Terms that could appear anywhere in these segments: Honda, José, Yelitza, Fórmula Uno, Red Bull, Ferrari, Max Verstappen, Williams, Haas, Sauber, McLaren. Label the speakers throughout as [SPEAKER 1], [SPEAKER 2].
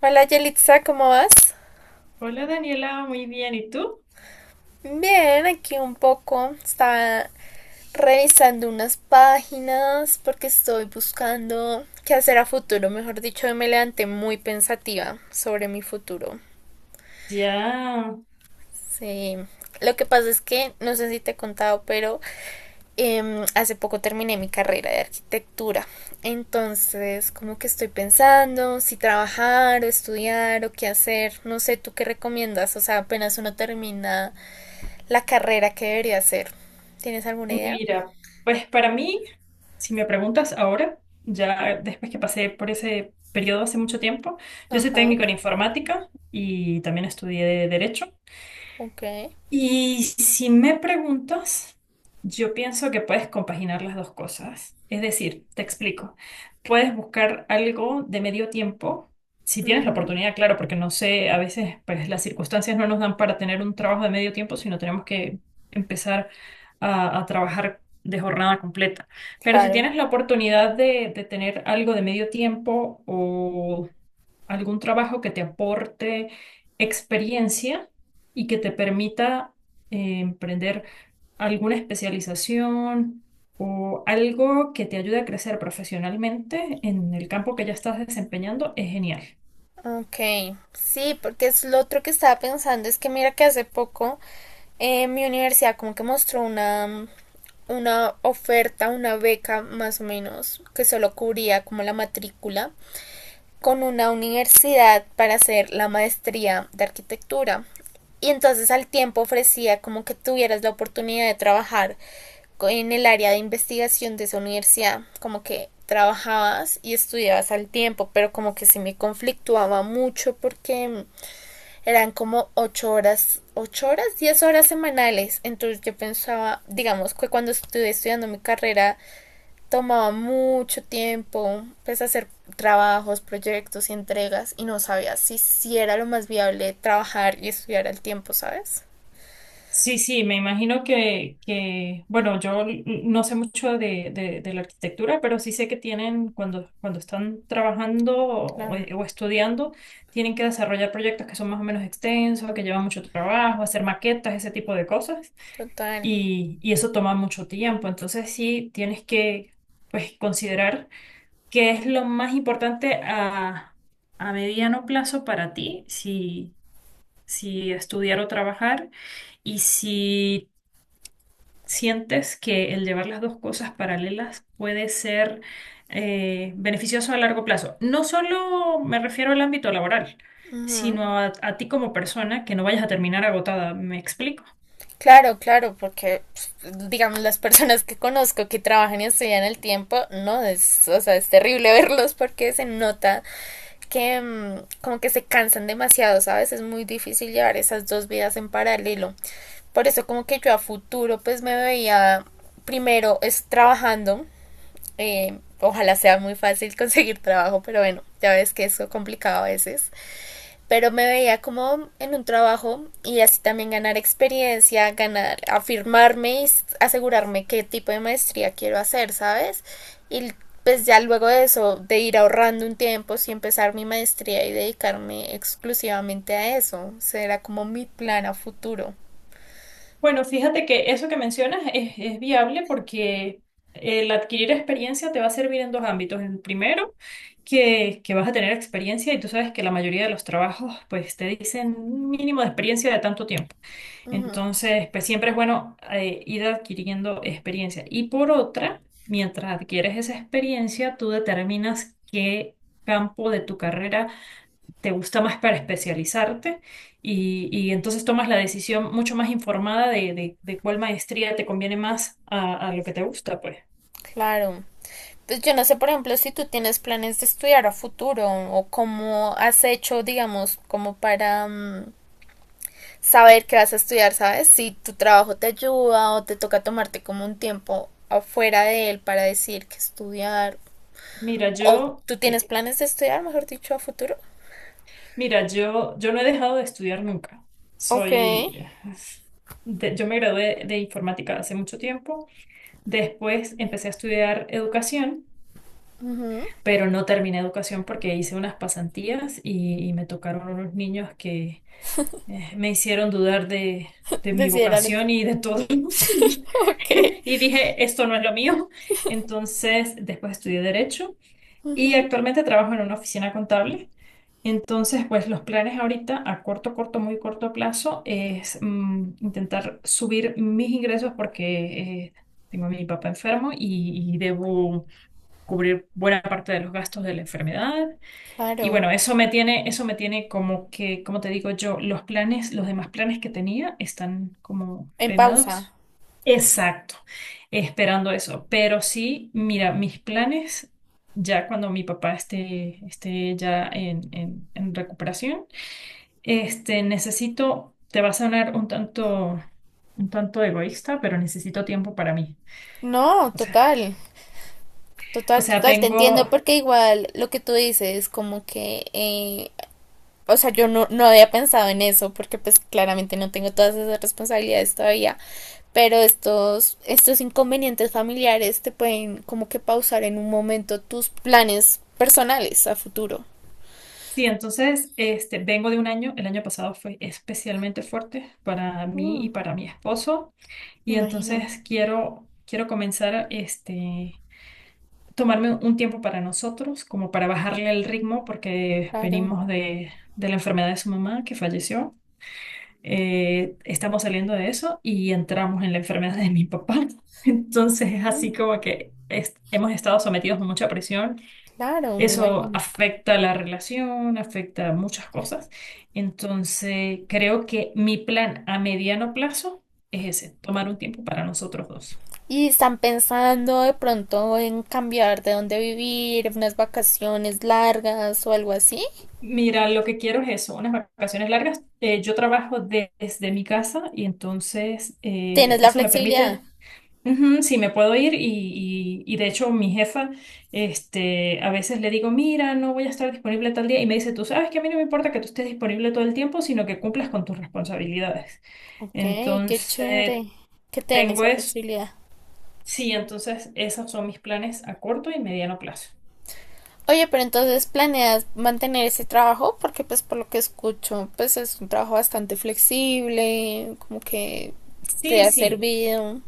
[SPEAKER 1] Hola Yelitza, ¿cómo vas?
[SPEAKER 2] Hola Daniela, muy bien. ¿Y tú?
[SPEAKER 1] Bien, aquí un poco. Estaba revisando unas páginas porque estoy buscando qué hacer a futuro. Mejor dicho, me levanté muy pensativa sobre mi futuro.
[SPEAKER 2] Ya,
[SPEAKER 1] Sí. Lo que pasa es que, no sé si te he contado, pero hace poco terminé mi carrera de arquitectura. Entonces, como que estoy pensando si trabajar o estudiar o qué hacer. No sé, ¿tú qué recomiendas? O sea, apenas uno termina la carrera, que debería hacer? ¿Tienes alguna idea?
[SPEAKER 2] mira, pues para mí, si me preguntas ahora, ya después que pasé por ese periodo hace mucho tiempo, yo soy
[SPEAKER 1] Ajá,
[SPEAKER 2] técnico en informática y también estudié derecho.
[SPEAKER 1] ok.
[SPEAKER 2] Y si me preguntas, yo pienso que puedes compaginar las dos cosas. Es decir, te explico, puedes buscar algo de medio tiempo, si tienes la
[SPEAKER 1] Ujú,
[SPEAKER 2] oportunidad, claro, porque no sé, a veces pues las circunstancias no nos dan para tener un trabajo de medio tiempo, sino tenemos que empezar a trabajar de jornada completa. Pero si
[SPEAKER 1] claro.
[SPEAKER 2] tienes la oportunidad de tener algo de medio tiempo o algún trabajo que te aporte experiencia y que te permita emprender alguna especialización o algo que te ayude a crecer profesionalmente en el campo que ya estás desempeñando, es genial.
[SPEAKER 1] Ok, sí, porque es lo otro que estaba pensando, es que mira que hace poco mi universidad como que mostró una oferta, una beca más o menos, que solo cubría como la matrícula con una universidad para hacer la maestría de arquitectura. Y entonces al tiempo ofrecía como que tuvieras la oportunidad de trabajar en el área de investigación de esa universidad, como que trabajabas y estudiabas al tiempo, pero como que sí me conflictuaba mucho porque eran como 8 horas, 8 horas, 10 horas semanales. Entonces yo pensaba, digamos que cuando estuve estudiando mi carrera tomaba mucho tiempo, empecé a hacer trabajos, proyectos y entregas y no sabía si era lo más viable trabajar y estudiar al tiempo, ¿sabes?
[SPEAKER 2] Sí, sí, me imagino que bueno, no sé mucho de, de la arquitectura, pero sí sé que tienen, cuando, cuando están trabajando
[SPEAKER 1] Claro.
[SPEAKER 2] o estudiando, tienen que desarrollar proyectos que son más o menos extensos, que llevan mucho trabajo, hacer maquetas, ese tipo de cosas,
[SPEAKER 1] Total.
[SPEAKER 2] y eso toma mucho tiempo. Entonces sí, tienes que, pues, considerar qué es lo más importante a mediano plazo para ti, si, si estudiar o trabajar. Y si ¿sientes que el llevar las dos cosas paralelas puede ser beneficioso a largo plazo? No solo me refiero al ámbito laboral,
[SPEAKER 1] Ujú.
[SPEAKER 2] sino a ti como persona, que no vayas a terminar agotada. ¿Me explico?
[SPEAKER 1] Claro, claro, porque pues, digamos, las personas que conozco que trabajan y estudian al tiempo, no, es, o sea, es terrible verlos porque se nota que como que se cansan demasiado, ¿sabes? Es muy difícil llevar esas dos vidas en paralelo. Por eso como que yo a futuro pues me veía primero es trabajando. Ojalá sea muy fácil conseguir trabajo, pero bueno, ya ves que es complicado a veces, pero me veía como en un trabajo y así también ganar experiencia, ganar, afirmarme y asegurarme qué tipo de maestría quiero hacer, ¿sabes? Y pues ya luego de eso, de ir ahorrando un tiempo, sí empezar mi maestría y dedicarme exclusivamente a eso, será como mi plan a futuro,
[SPEAKER 2] Bueno, fíjate que eso que mencionas es viable porque el adquirir experiencia te va a servir en dos ámbitos. El primero, que vas a tener experiencia y tú sabes que la mayoría de los trabajos pues te dicen un mínimo de experiencia de tanto tiempo. Entonces, pues siempre es bueno ir adquiriendo experiencia. Y por otra, mientras adquieres esa experiencia, tú determinas qué campo de tu carrera te gusta más para especializarte y entonces tomas la decisión mucho más informada de, de cuál maestría te conviene más a lo que te gusta, pues.
[SPEAKER 1] claro. Pues yo no sé, por ejemplo, si tú tienes planes de estudiar a futuro o cómo has hecho, digamos, como para saber qué vas a estudiar, ¿sabes? Si tu trabajo te ayuda o te toca tomarte como un tiempo afuera de él para decir qué estudiar.
[SPEAKER 2] Mira,
[SPEAKER 1] O
[SPEAKER 2] yo,
[SPEAKER 1] tú tienes
[SPEAKER 2] eh,
[SPEAKER 1] planes de estudiar, mejor dicho, a futuro.
[SPEAKER 2] mira, yo, yo no he dejado de estudiar nunca.
[SPEAKER 1] Ok,
[SPEAKER 2] Soy, yo me gradué de informática hace mucho tiempo. Después empecé a estudiar educación, pero no terminé educación porque hice unas pasantías y me tocaron unos niños que me hicieron dudar de mi
[SPEAKER 1] desidéralo tú.
[SPEAKER 2] vocación y de todo. Sí.
[SPEAKER 1] Ok.
[SPEAKER 2] Y dije, esto no es lo mío. Entonces, después estudié derecho y actualmente trabajo en una oficina contable. Entonces, pues los planes ahorita a corto, corto, muy corto plazo es intentar subir mis ingresos porque tengo a mi papá enfermo y debo cubrir buena parte de los gastos de la enfermedad. Y
[SPEAKER 1] Claro,
[SPEAKER 2] bueno, eso me tiene como que, como te digo yo, los planes, los demás planes que tenía están como
[SPEAKER 1] en pausa.
[SPEAKER 2] frenados. Exacto, esperando eso. Pero sí, mira, mis planes, ya cuando mi papá esté, esté ya en, en recuperación, este, necesito, te va a sonar un tanto egoísta, pero necesito tiempo para mí.
[SPEAKER 1] No,
[SPEAKER 2] O sea,
[SPEAKER 1] total,
[SPEAKER 2] o
[SPEAKER 1] total,
[SPEAKER 2] sea,
[SPEAKER 1] total, te entiendo.
[SPEAKER 2] vengo,
[SPEAKER 1] Porque igual lo que tú dices, como que, o sea, yo no había pensado en eso, porque pues claramente no tengo todas esas responsabilidades todavía, pero estos, estos inconvenientes familiares te pueden como que pausar en un momento tus planes personales a futuro.
[SPEAKER 2] sí, entonces, este, vengo de un año, el año pasado fue especialmente fuerte para mí
[SPEAKER 1] Mm,
[SPEAKER 2] y para mi esposo,
[SPEAKER 1] me
[SPEAKER 2] y
[SPEAKER 1] imagino,
[SPEAKER 2] entonces quiero, quiero comenzar, este tomarme un tiempo para nosotros, como para bajarle el ritmo, porque
[SPEAKER 1] claro.
[SPEAKER 2] venimos de la enfermedad de su mamá que falleció. Estamos saliendo de eso y entramos en la enfermedad de mi papá. Entonces es así
[SPEAKER 1] Mm,
[SPEAKER 2] como que hemos estado sometidos a mucha presión.
[SPEAKER 1] claro, me
[SPEAKER 2] Eso
[SPEAKER 1] imagino.
[SPEAKER 2] afecta la relación, afecta muchas cosas. Entonces creo que mi plan a mediano plazo es ese, tomar un tiempo para nosotros dos.
[SPEAKER 1] Y están pensando de pronto en cambiar de dónde vivir, unas vacaciones largas o algo así.
[SPEAKER 2] Mira, lo que quiero es eso, unas vacaciones largas. Yo trabajo desde mi casa y entonces
[SPEAKER 1] ¿Tienes la
[SPEAKER 2] eso me
[SPEAKER 1] flexibilidad?
[SPEAKER 2] permite, ujú, sí, me puedo ir y, y de hecho mi jefa, este, a veces le digo, mira, no voy a estar disponible tal día y me dice, tú sabes que a mí no me importa que tú estés disponible todo el tiempo, sino que cumplas con tus responsabilidades.
[SPEAKER 1] Ok, qué
[SPEAKER 2] Entonces,
[SPEAKER 1] chévere que tienes
[SPEAKER 2] tengo
[SPEAKER 1] esa
[SPEAKER 2] eso.
[SPEAKER 1] flexibilidad.
[SPEAKER 2] Sí, entonces esos son mis planes a corto y mediano plazo.
[SPEAKER 1] Oye, pero entonces planeas mantener ese trabajo porque pues por lo que escucho, pues es un trabajo bastante flexible, como que te
[SPEAKER 2] Sí,
[SPEAKER 1] ha
[SPEAKER 2] sí.
[SPEAKER 1] servido.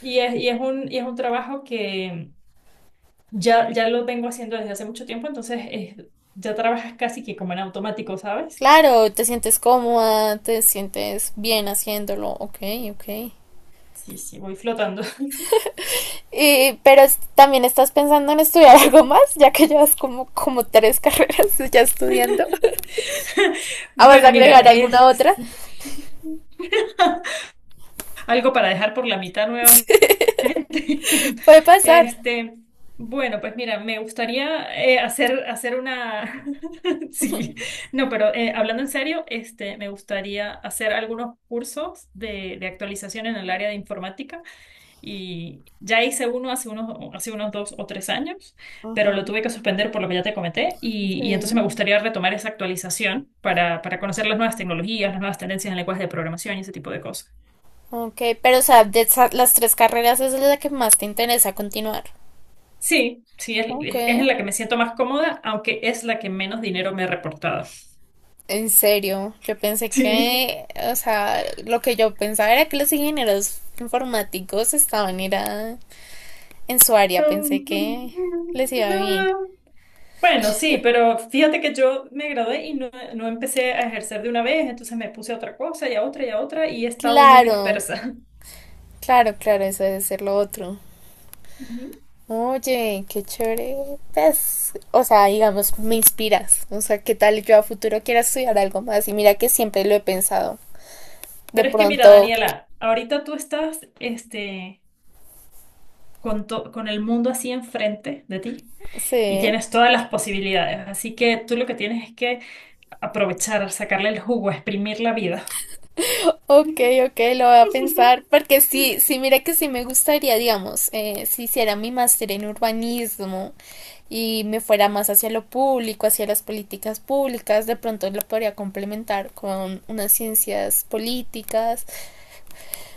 [SPEAKER 2] Y es un trabajo que... Ya, ya lo vengo haciendo desde hace mucho tiempo, entonces ya trabajas casi que como en automático, ¿sabes?
[SPEAKER 1] Claro, te sientes cómoda, te sientes bien haciéndolo, ok, ok.
[SPEAKER 2] Sí, sí, voy flotando.
[SPEAKER 1] Y, también estás pensando en estudiar algo más, ya que llevas como, como tres carreras ya estudiando. ¿Ah, vas a
[SPEAKER 2] Bueno, mira,
[SPEAKER 1] agregar alguna
[SPEAKER 2] es
[SPEAKER 1] otra?
[SPEAKER 2] algo para dejar por la mitad nuevamente.
[SPEAKER 1] Puede pasar.
[SPEAKER 2] Este, bueno, pues mira, me gustaría hacer, hacer una... Sí, no, pero hablando en serio, este, me gustaría hacer algunos cursos de actualización en el área de informática. Y ya hice uno hace unos 2 o 3 años, pero
[SPEAKER 1] Ajá,
[SPEAKER 2] lo tuve que suspender por lo que ya te comenté. Y entonces
[SPEAKER 1] sí.
[SPEAKER 2] me gustaría retomar esa actualización para conocer las nuevas tecnologías, las nuevas tendencias en lenguajes de programación y ese tipo de cosas.
[SPEAKER 1] Ok, pero o sea, las tres carreras, esa es la que más te interesa continuar.
[SPEAKER 2] Sí, sí,
[SPEAKER 1] Ok,
[SPEAKER 2] es en la que me siento más cómoda, aunque es la que menos dinero me ha reportado.
[SPEAKER 1] en serio, yo pensé
[SPEAKER 2] Sí.
[SPEAKER 1] que, o sea, lo que yo pensaba era que los ingenieros informáticos estaban era en su área, pensé
[SPEAKER 2] Um,
[SPEAKER 1] que les iba bien.
[SPEAKER 2] No. Bueno, sí, pero fíjate que yo me gradué y no, no empecé a ejercer de una vez, entonces me puse a otra cosa y a otra y a otra y he estado muy
[SPEAKER 1] Claro,
[SPEAKER 2] dispersa.
[SPEAKER 1] claro, claro, eso debe ser lo otro.
[SPEAKER 2] Ujú.
[SPEAKER 1] Oye, qué chévere. Pues, o sea, digamos, me inspiras. O sea, ¿qué tal yo a futuro quiera estudiar algo más? Y mira que siempre lo he pensado. De
[SPEAKER 2] Pero es que mira,
[SPEAKER 1] pronto,
[SPEAKER 2] Daniela, ahorita tú estás este, con, con el mundo así enfrente de ti
[SPEAKER 1] sí.
[SPEAKER 2] y tienes todas las posibilidades. Así que tú lo que tienes es que aprovechar, sacarle el jugo, exprimir la vida.
[SPEAKER 1] Ok, ok, lo voy a pensar, porque sí, sí, mira que sí me gustaría, digamos, si hiciera mi máster en urbanismo y me fuera más hacia lo público, hacia las políticas públicas, de pronto lo podría complementar con unas ciencias políticas.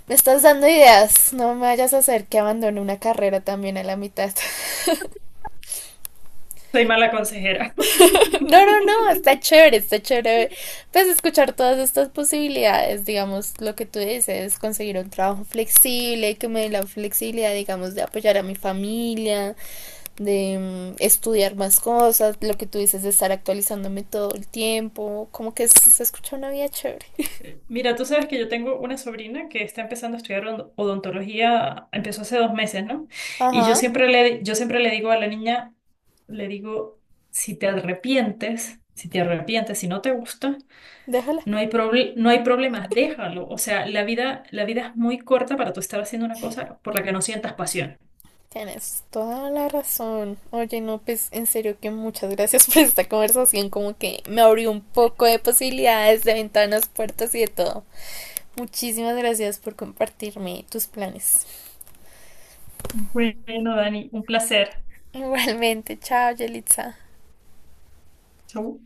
[SPEAKER 1] Me estás dando ideas, no me vayas a hacer que abandone una carrera también a la mitad.
[SPEAKER 2] Soy mala consejera.
[SPEAKER 1] No, no, no, está chévere, está chévere. Pues escuchar todas estas posibilidades, digamos, lo que tú dices, conseguir un trabajo flexible, que me dé la flexibilidad, digamos, de apoyar a mi familia, de estudiar más cosas, lo que tú dices de estar actualizándome todo el tiempo, como que se escucha una vida chévere.
[SPEAKER 2] Mira, tú sabes que yo tengo una sobrina que está empezando a estudiar odontología, empezó hace 2 meses, ¿no? Y
[SPEAKER 1] Ajá,
[SPEAKER 2] yo siempre le digo a la niña, le digo, si te arrepientes, si te arrepientes, si no te gusta,
[SPEAKER 1] déjala.
[SPEAKER 2] no hay no hay problemas, déjalo. O sea, la vida es muy corta para tú estar haciendo una cosa por la que no sientas pasión.
[SPEAKER 1] Tienes toda la razón. Oye, no, pues en serio que muchas gracias por esta conversación, como que me abrió un poco de posibilidades, de ventanas, puertas y de todo. Muchísimas gracias por compartirme tus planes.
[SPEAKER 2] Bueno, Dani, un placer.
[SPEAKER 1] Igualmente, chao, Yelitza.
[SPEAKER 2] Chau.